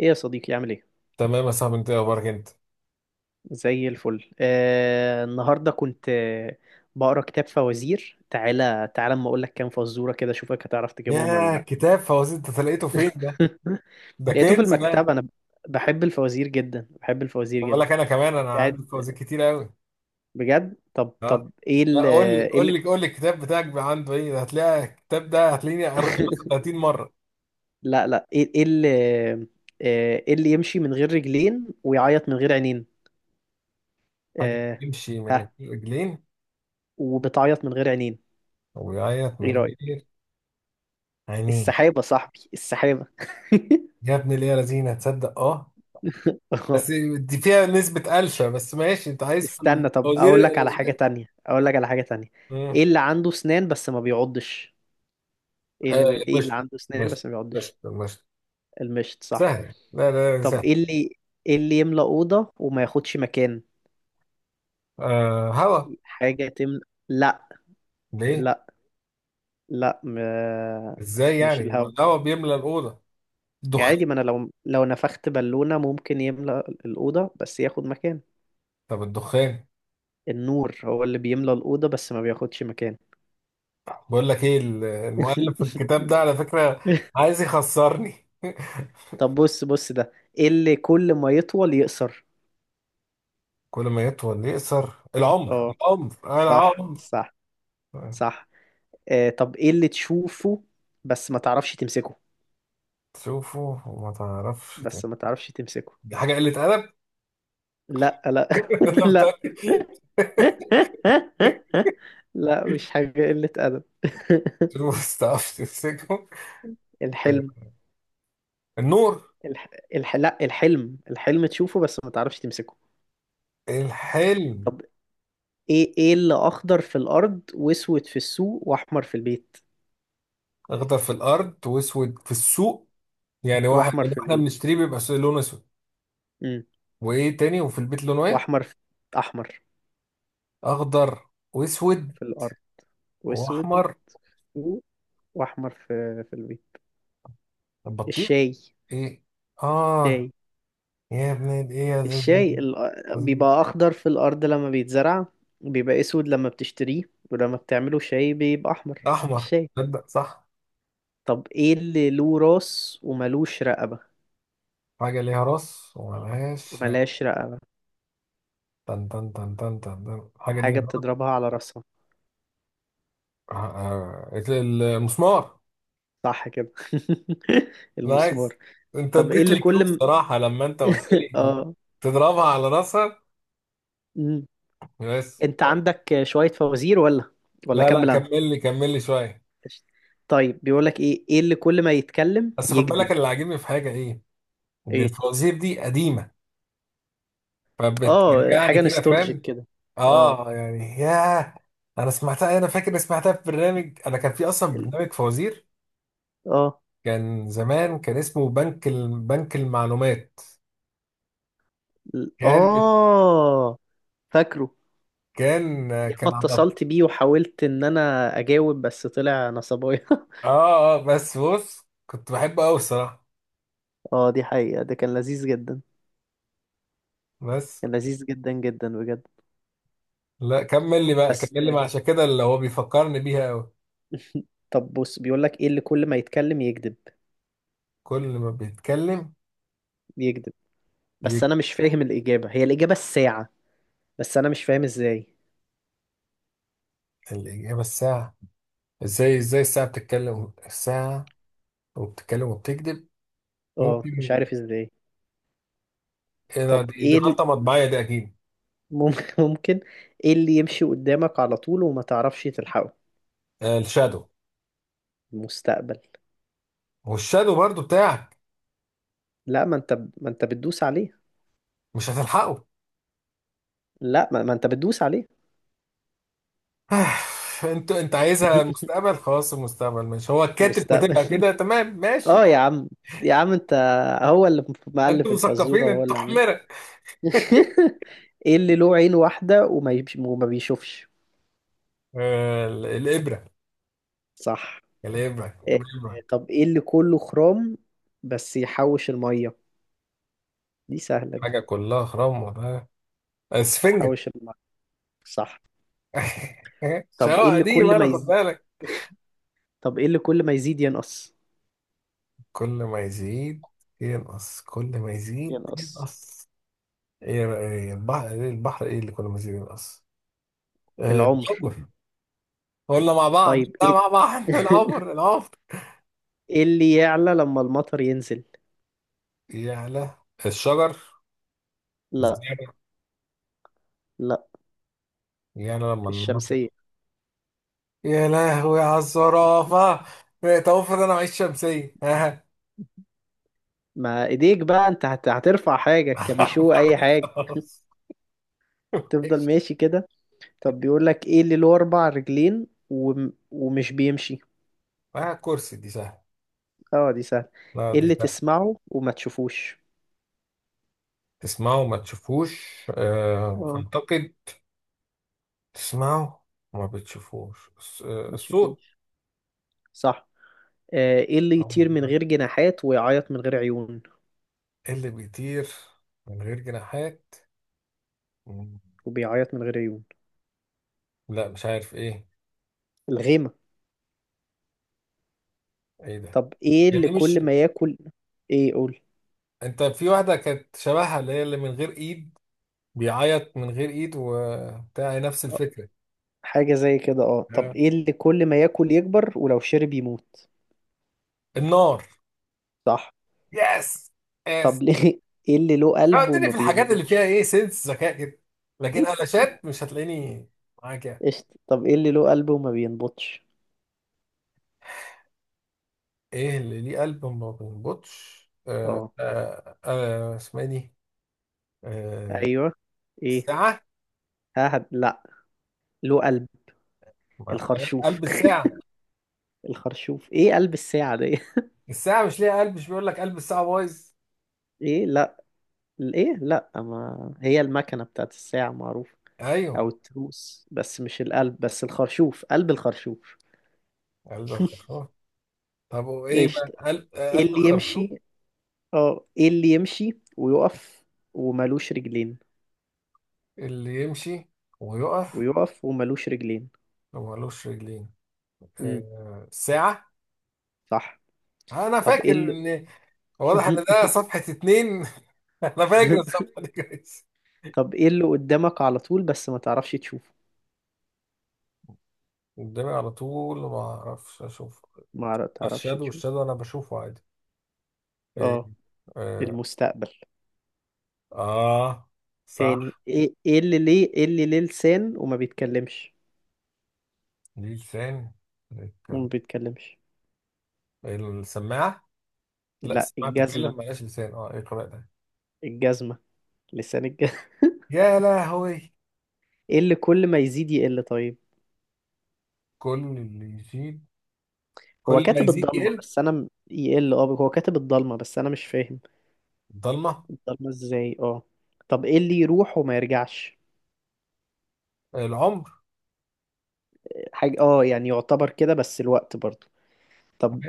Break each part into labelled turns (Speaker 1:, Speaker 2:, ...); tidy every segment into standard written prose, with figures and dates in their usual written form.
Speaker 1: ايه يا صديقي، عامل ايه؟
Speaker 2: تمام يا صاحبي، انت ايه اخبارك انت؟
Speaker 1: زي الفل. النهارده كنت بقرا كتاب فوازير. تعالى تعالى اما اقول لك كام فزوره كده، اشوفك هتعرف تجيبهم ولا
Speaker 2: ياه،
Speaker 1: لا؟
Speaker 2: كتاب فوازير انت لقيته فين ده؟ ده
Speaker 1: لقيته في
Speaker 2: كنز ده.
Speaker 1: المكتبه انا. بحب الفوازير جدا بحب الفوازير
Speaker 2: خد
Speaker 1: جدا.
Speaker 2: بالك، انا كمان
Speaker 1: بتاعت.
Speaker 2: عندي فوازير كتير قوي.
Speaker 1: بجد. طب
Speaker 2: اه.
Speaker 1: طب ايه
Speaker 2: لا،
Speaker 1: ال
Speaker 2: قول لي
Speaker 1: ايه
Speaker 2: قول
Speaker 1: ال
Speaker 2: لي قول لي، الكتاب بتاعك بقى عنده ايه؟ ده هتلاقي الكتاب ده هتلاقيني قريته مثلا 30 مره.
Speaker 1: لا لا. ايه ايه ال آه، ايه اللي يمشي من غير رجلين ويعيط من غير عينين؟
Speaker 2: حاجه
Speaker 1: آه.
Speaker 2: بيمشي من
Speaker 1: ها.
Speaker 2: غير رجلين
Speaker 1: وبتعيط من غير عينين.
Speaker 2: وبيعيط
Speaker 1: ايه
Speaker 2: من
Speaker 1: رأيك؟
Speaker 2: غير عينين.
Speaker 1: السحابة صاحبي، السحابة.
Speaker 2: يا ابن الايه يا لذينه، تصدق اه. بس دي فيها نسبه قلشه، بس ماشي، انت عايز في
Speaker 1: استنى، طب
Speaker 2: الفوازير
Speaker 1: اقول لك على حاجة
Speaker 2: القلاشات؟
Speaker 1: تانية، اقول لك على حاجة تانية.
Speaker 2: امم.
Speaker 1: ايه اللي عنده سنان بس ما بيعضش؟
Speaker 2: آه،
Speaker 1: ايه اللي
Speaker 2: مشت
Speaker 1: عنده سنان
Speaker 2: مشت
Speaker 1: بس ما بيعضش؟
Speaker 2: مشت مشت.
Speaker 1: المشط صح.
Speaker 2: سهل، لا لا لا،
Speaker 1: طب
Speaker 2: سهل.
Speaker 1: ايه اللي ايه اللي يملأ أوضة وما ياخدش مكان؟
Speaker 2: آه، هوا.
Speaker 1: حاجة تملأ. لا
Speaker 2: ليه؟
Speaker 1: لا لا.
Speaker 2: ازاي
Speaker 1: مش
Speaker 2: يعني؟ ما
Speaker 1: الهوا.
Speaker 2: الهوا بيملى الاوضه.
Speaker 1: يعني
Speaker 2: الدخان.
Speaker 1: عادي، ما انا لو نفخت بالونة ممكن يملأ الأوضة بس ياخد مكان.
Speaker 2: طب الدخان.
Speaker 1: النور هو اللي بيملأ الأوضة بس ما بياخدش مكان.
Speaker 2: بقول لك ايه، المؤلف في الكتاب ده على فكره عايز يخسرني.
Speaker 1: طب بص بص ده. إيه اللي كل ما يطول يقصر؟
Speaker 2: كل ما يطول يقصر، العمر
Speaker 1: اه
Speaker 2: العمر، انا
Speaker 1: صح
Speaker 2: عمر.
Speaker 1: صح صح. طب ايه اللي تشوفه بس ما تعرفش تمسكه؟
Speaker 2: تشوفه وما تعرفش
Speaker 1: بس
Speaker 2: تاني.
Speaker 1: ما تعرفش تمسكه.
Speaker 2: دي حاجه قله ادب.
Speaker 1: لا لا.
Speaker 2: انا
Speaker 1: لا.
Speaker 2: متاكد.
Speaker 1: لا مش حاجة قلة أدب.
Speaker 2: تشوفه بس تعرفش تمسكه.
Speaker 1: الحلم.
Speaker 2: النور.
Speaker 1: الح... لا الحلم الحلم تشوفه بس ما تعرفش تمسكه.
Speaker 2: الحلم.
Speaker 1: طب ايه اللي اخضر في الارض واسود في السوق واحمر في البيت
Speaker 2: اخضر في الارض واسود في السوق، يعني واحد،
Speaker 1: واحمر
Speaker 2: يعني
Speaker 1: في
Speaker 2: احنا
Speaker 1: البيت.
Speaker 2: بنشتريه بيبقى لونه اسود.
Speaker 1: امم
Speaker 2: وايه تاني؟ وفي البيت لونه ايه؟
Speaker 1: واحمر في... احمر
Speaker 2: اخضر واسود
Speaker 1: في الارض واسود
Speaker 2: واحمر.
Speaker 1: و- واحمر في البيض.
Speaker 2: البطيخ.
Speaker 1: الشاي
Speaker 2: ايه. اه.
Speaker 1: الشاي.
Speaker 2: يا ابن ايه، يا زيزي.
Speaker 1: الشاي
Speaker 2: قصدي
Speaker 1: بيبقى اخضر في الارض لما بيتزرع، بيبقى اسود لما بتشتريه، ولما بتعمله شاي بيبقى احمر.
Speaker 2: احمر.
Speaker 1: الشاي.
Speaker 2: تصدق صح.
Speaker 1: طب ايه اللي له راس وملوش رقبة؟
Speaker 2: حاجه ليها راس وملهاش، لا.
Speaker 1: وملهاش رقبة.
Speaker 2: تن تن تن تن تن تن. حاجه ليها
Speaker 1: حاجة
Speaker 2: راس.
Speaker 1: بتضربها على راسها.
Speaker 2: المسمار.
Speaker 1: صح كده. المسمار.
Speaker 2: نايس. انت
Speaker 1: طب ايه
Speaker 2: اديت
Speaker 1: اللي
Speaker 2: لي كلو
Speaker 1: كل م...
Speaker 2: صراحه لما انت قلت لي
Speaker 1: اه.
Speaker 2: تضربها على راسها.
Speaker 1: مم.
Speaker 2: بس.
Speaker 1: انت عندك شوية فوازير ولا
Speaker 2: لا لا،
Speaker 1: كمل انا؟
Speaker 2: كمل لي كمل لي شويه.
Speaker 1: قشطة. طيب بيقولك ايه، ايه اللي كل ما يتكلم
Speaker 2: بس خد بالك،
Speaker 1: يكذب؟
Speaker 2: اللي عاجبني في حاجه ايه، ان
Speaker 1: ايه.
Speaker 2: الفوازير دي قديمه،
Speaker 1: اه
Speaker 2: فبترجعني
Speaker 1: حاجة
Speaker 2: كده،
Speaker 1: نوستالجيك
Speaker 2: فاهم؟
Speaker 1: كده. اه
Speaker 2: اه يعني، ياه. انا سمعتها، انا فاكر إني سمعتها في برنامج، كان في اصلا
Speaker 1: ال-
Speaker 2: برنامج فوازير.
Speaker 1: اه
Speaker 2: كان زمان، كان اسمه بنك المعلومات.
Speaker 1: ال-
Speaker 2: كان
Speaker 1: اه فاكره.
Speaker 2: كان
Speaker 1: ياما
Speaker 2: كان على.
Speaker 1: اتصلت بيه وحاولت ان انا اجاوب بس طلع نصبايا.
Speaker 2: اه اه، بس بص، كنت بحبه قوي الصراحه.
Speaker 1: اه دي حقيقة، ده كان لذيذ جدا.
Speaker 2: بس.
Speaker 1: كان لذيذ جدا جدا بجد.
Speaker 2: لا، كمل لي بقى
Speaker 1: بس.
Speaker 2: كمل لي، عشان كده اللي هو بيفكرني بيها قوي.
Speaker 1: طب بص، بيقول لك ايه اللي كل ما يتكلم يكذب؟
Speaker 2: كل ما بيتكلم
Speaker 1: يكذب. بس
Speaker 2: يجي
Speaker 1: انا مش فاهم، الاجابة هي الاجابة الساعة. بس انا مش فاهم ازاي.
Speaker 2: الاجابه الساعه. ازاي الساعه بتتكلم؟ الساعه وبتتكلم وبتكذب.
Speaker 1: اه مش
Speaker 2: ممكن
Speaker 1: عارف ازاي.
Speaker 2: ايه ده؟
Speaker 1: طب
Speaker 2: دي
Speaker 1: ايه ال-
Speaker 2: غلطه مطبعيه دي اكيد.
Speaker 1: مم- ممكن. ايه اللي يمشي قدامك على طول وما تعرفش تلحقه؟
Speaker 2: الشادو.
Speaker 1: مستقبل.
Speaker 2: والشادو برضو بتاعك،
Speaker 1: لا ما انت بتدوس عليه.
Speaker 2: مش هتلحقه.
Speaker 1: لا ما انت بتدوس عليه.
Speaker 2: انت عايزها مستقبل، خلاص، المستقبل ماشي، هو الكاتب
Speaker 1: مستقبل.
Speaker 2: كاتبها كده، تمام ماشي.
Speaker 1: اه يا عم يا عم انت، هو اللي مألف
Speaker 2: انتوا
Speaker 1: الفزورة
Speaker 2: مثقفين،
Speaker 1: هو
Speaker 2: انتوا
Speaker 1: اللي عامل.
Speaker 2: حمرة.
Speaker 1: ايه اللي له عين واحدة وما بيشوفش؟
Speaker 2: الابره
Speaker 1: صح.
Speaker 2: الابره
Speaker 1: إيه.
Speaker 2: الابره.
Speaker 1: طب ايه اللي كله خرام بس يحوش المية؟ دي سهلة
Speaker 2: حاجه
Speaker 1: دي.
Speaker 2: كلها خرام، ولا اسفنجة.
Speaker 1: تحوش المية. صح. طب ايه
Speaker 2: شواء
Speaker 1: اللي
Speaker 2: دي، ما
Speaker 1: كل ما
Speaker 2: انا خد
Speaker 1: يزيد
Speaker 2: بالك.
Speaker 1: طب ايه اللي كل ما يزيد ينقص؟
Speaker 2: كل ما يزيد ينقص، كل ما يزيد
Speaker 1: ينقص.
Speaker 2: ينقص. ايه إيه البحر، ايه البحر، ايه اللي كل ما يزيد ينقص.
Speaker 1: العمر.
Speaker 2: الحب. قلنا مع بعض،
Speaker 1: طيب
Speaker 2: لا
Speaker 1: ايه.
Speaker 2: مع بعض. العمر العمر.
Speaker 1: ايه اللي يعلى لما المطر ينزل؟
Speaker 2: يا له. الشجر.
Speaker 1: لا
Speaker 2: الزرع.
Speaker 1: لا.
Speaker 2: يا له لما المطر.
Speaker 1: الشمسية.
Speaker 2: يا لهوي على الزرافة. طب افرض انا معيش شمسية، ها؟
Speaker 1: ما ايديك بقى، انت هترفع حاجة كبيشو اي حاجة.
Speaker 2: خلاص.
Speaker 1: تفضل
Speaker 2: إيش؟
Speaker 1: ماشي كده. طب بيقول لك ايه اللي له اربع رجلين ومش بيمشي؟
Speaker 2: آه كرسي، دي سهلة.
Speaker 1: اه دي سهلة.
Speaker 2: لا
Speaker 1: ايه
Speaker 2: دي
Speaker 1: اللي
Speaker 2: سهلة.
Speaker 1: تسمعه وما تشوفوش؟
Speaker 2: تسمعوا ما تشوفوش، آه
Speaker 1: اه
Speaker 2: اعتقد. تسمعوا ما بتشوفوش
Speaker 1: ما
Speaker 2: الصوت.
Speaker 1: تشوفوش صح. آه، ايه اللي
Speaker 2: أول
Speaker 1: يطير من
Speaker 2: ده.
Speaker 1: غير جناحات ويعيط من غير عيون؟
Speaker 2: إيه اللي بيطير من غير جناحات؟ مم.
Speaker 1: وبيعيط من غير عيون.
Speaker 2: لا مش عارف ايه.
Speaker 1: الغيمة.
Speaker 2: ايه ده؟
Speaker 1: طب ايه اللي
Speaker 2: يعني مش،
Speaker 1: كل ما ياكل ايه قول.
Speaker 2: انت في واحدة كانت شبهها، اللي من غير ايد، بيعيط من غير ايد وبتاع نفس
Speaker 1: آه،
Speaker 2: الفكرة.
Speaker 1: حاجة زي كده. اه طب
Speaker 2: آه.
Speaker 1: ايه اللي كل ما ياكل يكبر ولو شرب يموت؟
Speaker 2: النار.
Speaker 1: صح.
Speaker 2: يس
Speaker 1: طب
Speaker 2: يس.
Speaker 1: ليه. ايه اللي له
Speaker 2: اه،
Speaker 1: قلب
Speaker 2: اديني
Speaker 1: وما
Speaker 2: في الحاجات اللي فيها
Speaker 1: بينبضش؟
Speaker 2: ايه سنس ذكاء كده، لكن قلاشات مش هتلاقيني معاك يعني.
Speaker 1: قشطة. طب ايه اللي له قلب وما بينبضش؟
Speaker 2: ايه اللي ليه قلب ما بينبضش؟
Speaker 1: اه.
Speaker 2: اسمها ايه دي؟ آه
Speaker 1: ايوه. ايه.
Speaker 2: الساعة.
Speaker 1: ها لا. له قلب.
Speaker 2: ما-
Speaker 1: الخرشوف.
Speaker 2: قلب الساعة.
Speaker 1: الخرشوف، ايه قلب الساعة دي؟
Speaker 2: الساعة مش ليها قلب؟ مش بيقول لك قلب الساعة بايظ.
Speaker 1: ايه لا. ايه لا. ما هي المكنة بتاعت الساعة معروفة، او
Speaker 2: ايوه.
Speaker 1: التروس، بس مش القلب. بس الخرشوف قلب الخرشوف.
Speaker 2: قلب الخرشوف. طب وايه
Speaker 1: قشطة.
Speaker 2: بقى، قلب آه،
Speaker 1: ايه
Speaker 2: قلب
Speaker 1: اللي يمشي
Speaker 2: الخرشوف.
Speaker 1: اه ايه اللي يمشي ويقف وملوش رجلين؟
Speaker 2: اللي يمشي ويقف،
Speaker 1: ويقف وملوش رجلين.
Speaker 2: لو مالوش رجلين،
Speaker 1: امم.
Speaker 2: ساعة.
Speaker 1: صح.
Speaker 2: انا
Speaker 1: طب
Speaker 2: فاكر
Speaker 1: ايه اللي
Speaker 2: ان، واضح ان ده صفحة 2. انا فاكر الصفحة دي كويس.
Speaker 1: طب ايه اللي قدامك على طول بس ما تعرفش تشوفه؟
Speaker 2: قدامي على طول ما اعرفش اشوف.
Speaker 1: ما عر- تعرفش
Speaker 2: الشادو
Speaker 1: تشوفه.
Speaker 2: الشادو، انا بشوفه عادي. ايه.
Speaker 1: اه.
Speaker 2: اه.
Speaker 1: المستقبل.
Speaker 2: آه.
Speaker 1: تاني
Speaker 2: صح.
Speaker 1: ايه ايه اللي ليه ايه اللي ليه لسان وما بيتكلمش؟
Speaker 2: ليه لسان بيتكلم،
Speaker 1: وما بيتكلمش.
Speaker 2: السماعة. لا
Speaker 1: لا،
Speaker 2: السماعة
Speaker 1: الجزمة.
Speaker 2: بتتكلم ملهاش لسان، اه ايه القراءة ده؟
Speaker 1: الجزمة لسان الجزمة.
Speaker 2: يا لهوي.
Speaker 1: ايه اللي كل ما يزيد يقل طيب؟
Speaker 2: كل اللي يزيد كل ما يزيد يقل.
Speaker 1: هو كاتب الضلمة بس انا مش فاهم.
Speaker 2: الضلمة.
Speaker 1: الضلمة ازاي؟ اه. طب ايه اللي يروح وما يرجعش؟
Speaker 2: العمر.
Speaker 1: حاجة اه يعني، يعتبر كده بس الوقت برضو. طب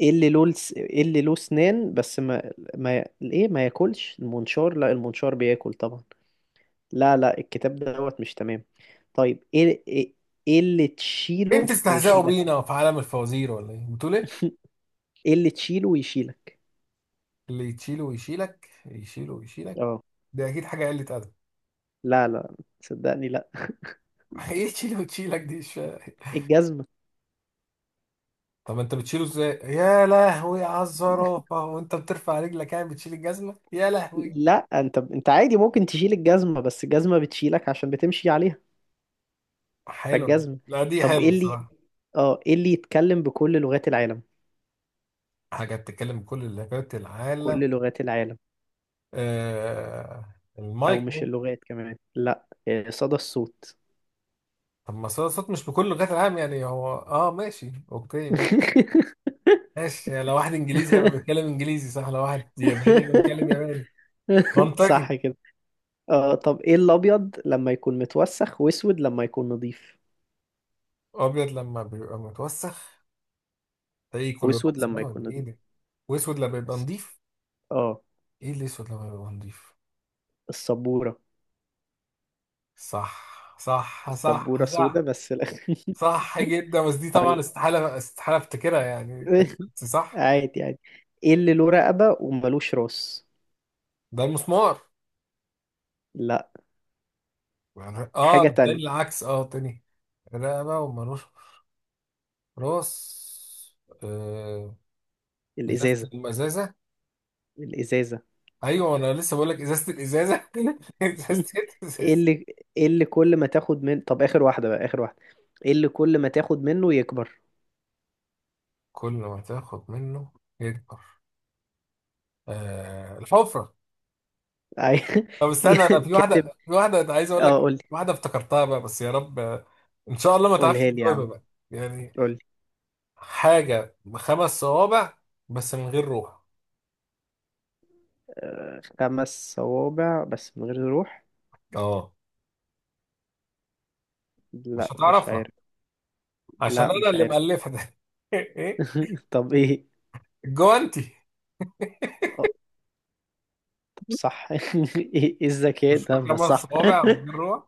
Speaker 1: ايه اللي ايه اللي له اسنان بس ما ياكلش؟ المنشار. لا المنشار بياكل طبعا. لا لا. الكتاب دوت مش تمام. طيب ايه ايه إيه اللي
Speaker 2: ايه،
Speaker 1: تشيله
Speaker 2: بتستهزئوا
Speaker 1: ويشيلك؟
Speaker 2: بينا في عالم الفوازير ولا ايه، بتقول ايه؟
Speaker 1: ايه اللي تشيله ويشيلك؟
Speaker 2: اللي يتشيله ويشيلك، يشيله ويشيلك،
Speaker 1: اه.
Speaker 2: دي اكيد حاجه قله ادب.
Speaker 1: لا لا صدقني لا.
Speaker 2: ايه تشيله وتشيلك، دي مش فاهم.
Speaker 1: الجزمة.
Speaker 2: طب انت بتشيله ازاي؟ يا لهوي على الزرافه، وانت بترفع رجلك يعني بتشيل الجزمه يا لهوي.
Speaker 1: لا انت عادي ممكن تشيل الجزمة بس الجزمة بتشيلك عشان بتمشي عليها.
Speaker 2: حلو،
Speaker 1: فالجزمة.
Speaker 2: لا دي
Speaker 1: طب
Speaker 2: حلوه
Speaker 1: ايه اللي
Speaker 2: الصراحه.
Speaker 1: اه ايه اللي يتكلم بكل لغات العالم؟
Speaker 2: حاجه بتتكلم بكل لغات العالم،
Speaker 1: كل لغات العالم. او
Speaker 2: المايك
Speaker 1: مش
Speaker 2: ممكن.
Speaker 1: اللغات كمان، لا. صدى الصوت.
Speaker 2: طب ما صوت مش بكل لغات العالم يعني، هو ماشي اوكي. ماشي، لو واحد انجليزي هيبقى بيتكلم انجليزي، صح، لو واحد ياباني هيبقى بيتكلم ياباني.
Speaker 1: صح
Speaker 2: منطقي.
Speaker 1: كده. اه طب ايه الابيض لما يكون متوسخ واسود لما يكون نظيف؟
Speaker 2: ابيض لما بيبقى متوسخ، تلاقيه كله
Speaker 1: واسود
Speaker 2: رقص
Speaker 1: لما
Speaker 2: ده ولا
Speaker 1: يكون
Speaker 2: ايه
Speaker 1: نظيف.
Speaker 2: ده؟ واسود لما يبقى نضيف.
Speaker 1: اه.
Speaker 2: ايه الاسود لما يبقى نضيف؟
Speaker 1: السبورة.
Speaker 2: صح صح صح
Speaker 1: السبورة سودة
Speaker 2: صح.
Speaker 1: بس لا.
Speaker 2: صح جدا، بس دي طبعا
Speaker 1: طيب.
Speaker 2: استحاله استحاله افتكرها يعني. بس صح.
Speaker 1: عادي عادي. ايه اللي له رقبة وملوش راس؟
Speaker 2: ده المسمار.
Speaker 1: لا.
Speaker 2: يعني
Speaker 1: حاجة تانية.
Speaker 2: التاني العكس، تاني. رقبه ومروش راس. آه. ازازه
Speaker 1: الازازة
Speaker 2: الازازه.
Speaker 1: الازازة.
Speaker 2: ايوه، انا لسه بقول لك ازازه الازازه. ازازه
Speaker 1: ايه
Speaker 2: الازازه.
Speaker 1: اللي ايه اللي كل ما تاخد من طب اخر واحدة بقى اخر واحدة، ايه اللي كل ما تاخد منه يكبر؟
Speaker 2: كل ما تاخد منه يكبر، الحفرة.
Speaker 1: عاي-
Speaker 2: طب استنى، انا في
Speaker 1: كاتب.
Speaker 2: واحدة في واحدة أنا عايز اقول
Speaker 1: اه قول
Speaker 2: لك،
Speaker 1: لي،
Speaker 2: واحدة افتكرتها بقى بس يا رب ان شاء الله ما تعرفش
Speaker 1: قولها لي يا
Speaker 2: تجاوبها
Speaker 1: عم،
Speaker 2: بقى، يعني
Speaker 1: قول لي.
Speaker 2: حاجة بخمس صوابع بس من غير روح.
Speaker 1: آه، خمس صوابع بس من غير روح؟
Speaker 2: اه، مش
Speaker 1: لا مش
Speaker 2: هتعرفها،
Speaker 1: عارف.
Speaker 2: عشان
Speaker 1: لا
Speaker 2: انا
Speaker 1: مش
Speaker 2: اللي
Speaker 1: عارف.
Speaker 2: مألفها ده. ايه،
Speaker 1: طب ايه
Speaker 2: الجوانتي.
Speaker 1: آه، طب صح. إيه الذكاء
Speaker 2: مش
Speaker 1: ده، ما
Speaker 2: بخمس
Speaker 1: صح.
Speaker 2: صوابع ومن غير روح؟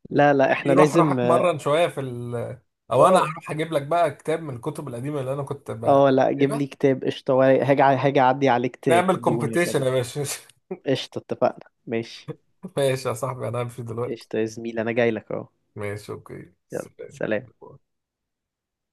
Speaker 1: لا لا
Speaker 2: يعني
Speaker 1: احنا
Speaker 2: روح روح
Speaker 1: لازم.
Speaker 2: اتمرن شوية في ال، او انا
Speaker 1: اه
Speaker 2: هروح اجيب لك بقى كتاب من الكتب القديمة اللي انا كنت بقى
Speaker 1: اه لا، جيب لي كتاب قشطة ورايق. هاجي اعدي عليك،
Speaker 2: نعمل
Speaker 1: تدوني يا
Speaker 2: كومبيتيشن يا
Speaker 1: صديقي.
Speaker 2: باشا.
Speaker 1: قشطة اتفقنا ماشي.
Speaker 2: ماشي يا صاحبي، انا همشي دلوقتي،
Speaker 1: قشطة يا زميلي، انا جاي لك اهو.
Speaker 2: ماشي اوكي،
Speaker 1: يلا
Speaker 2: سلام.
Speaker 1: سلام.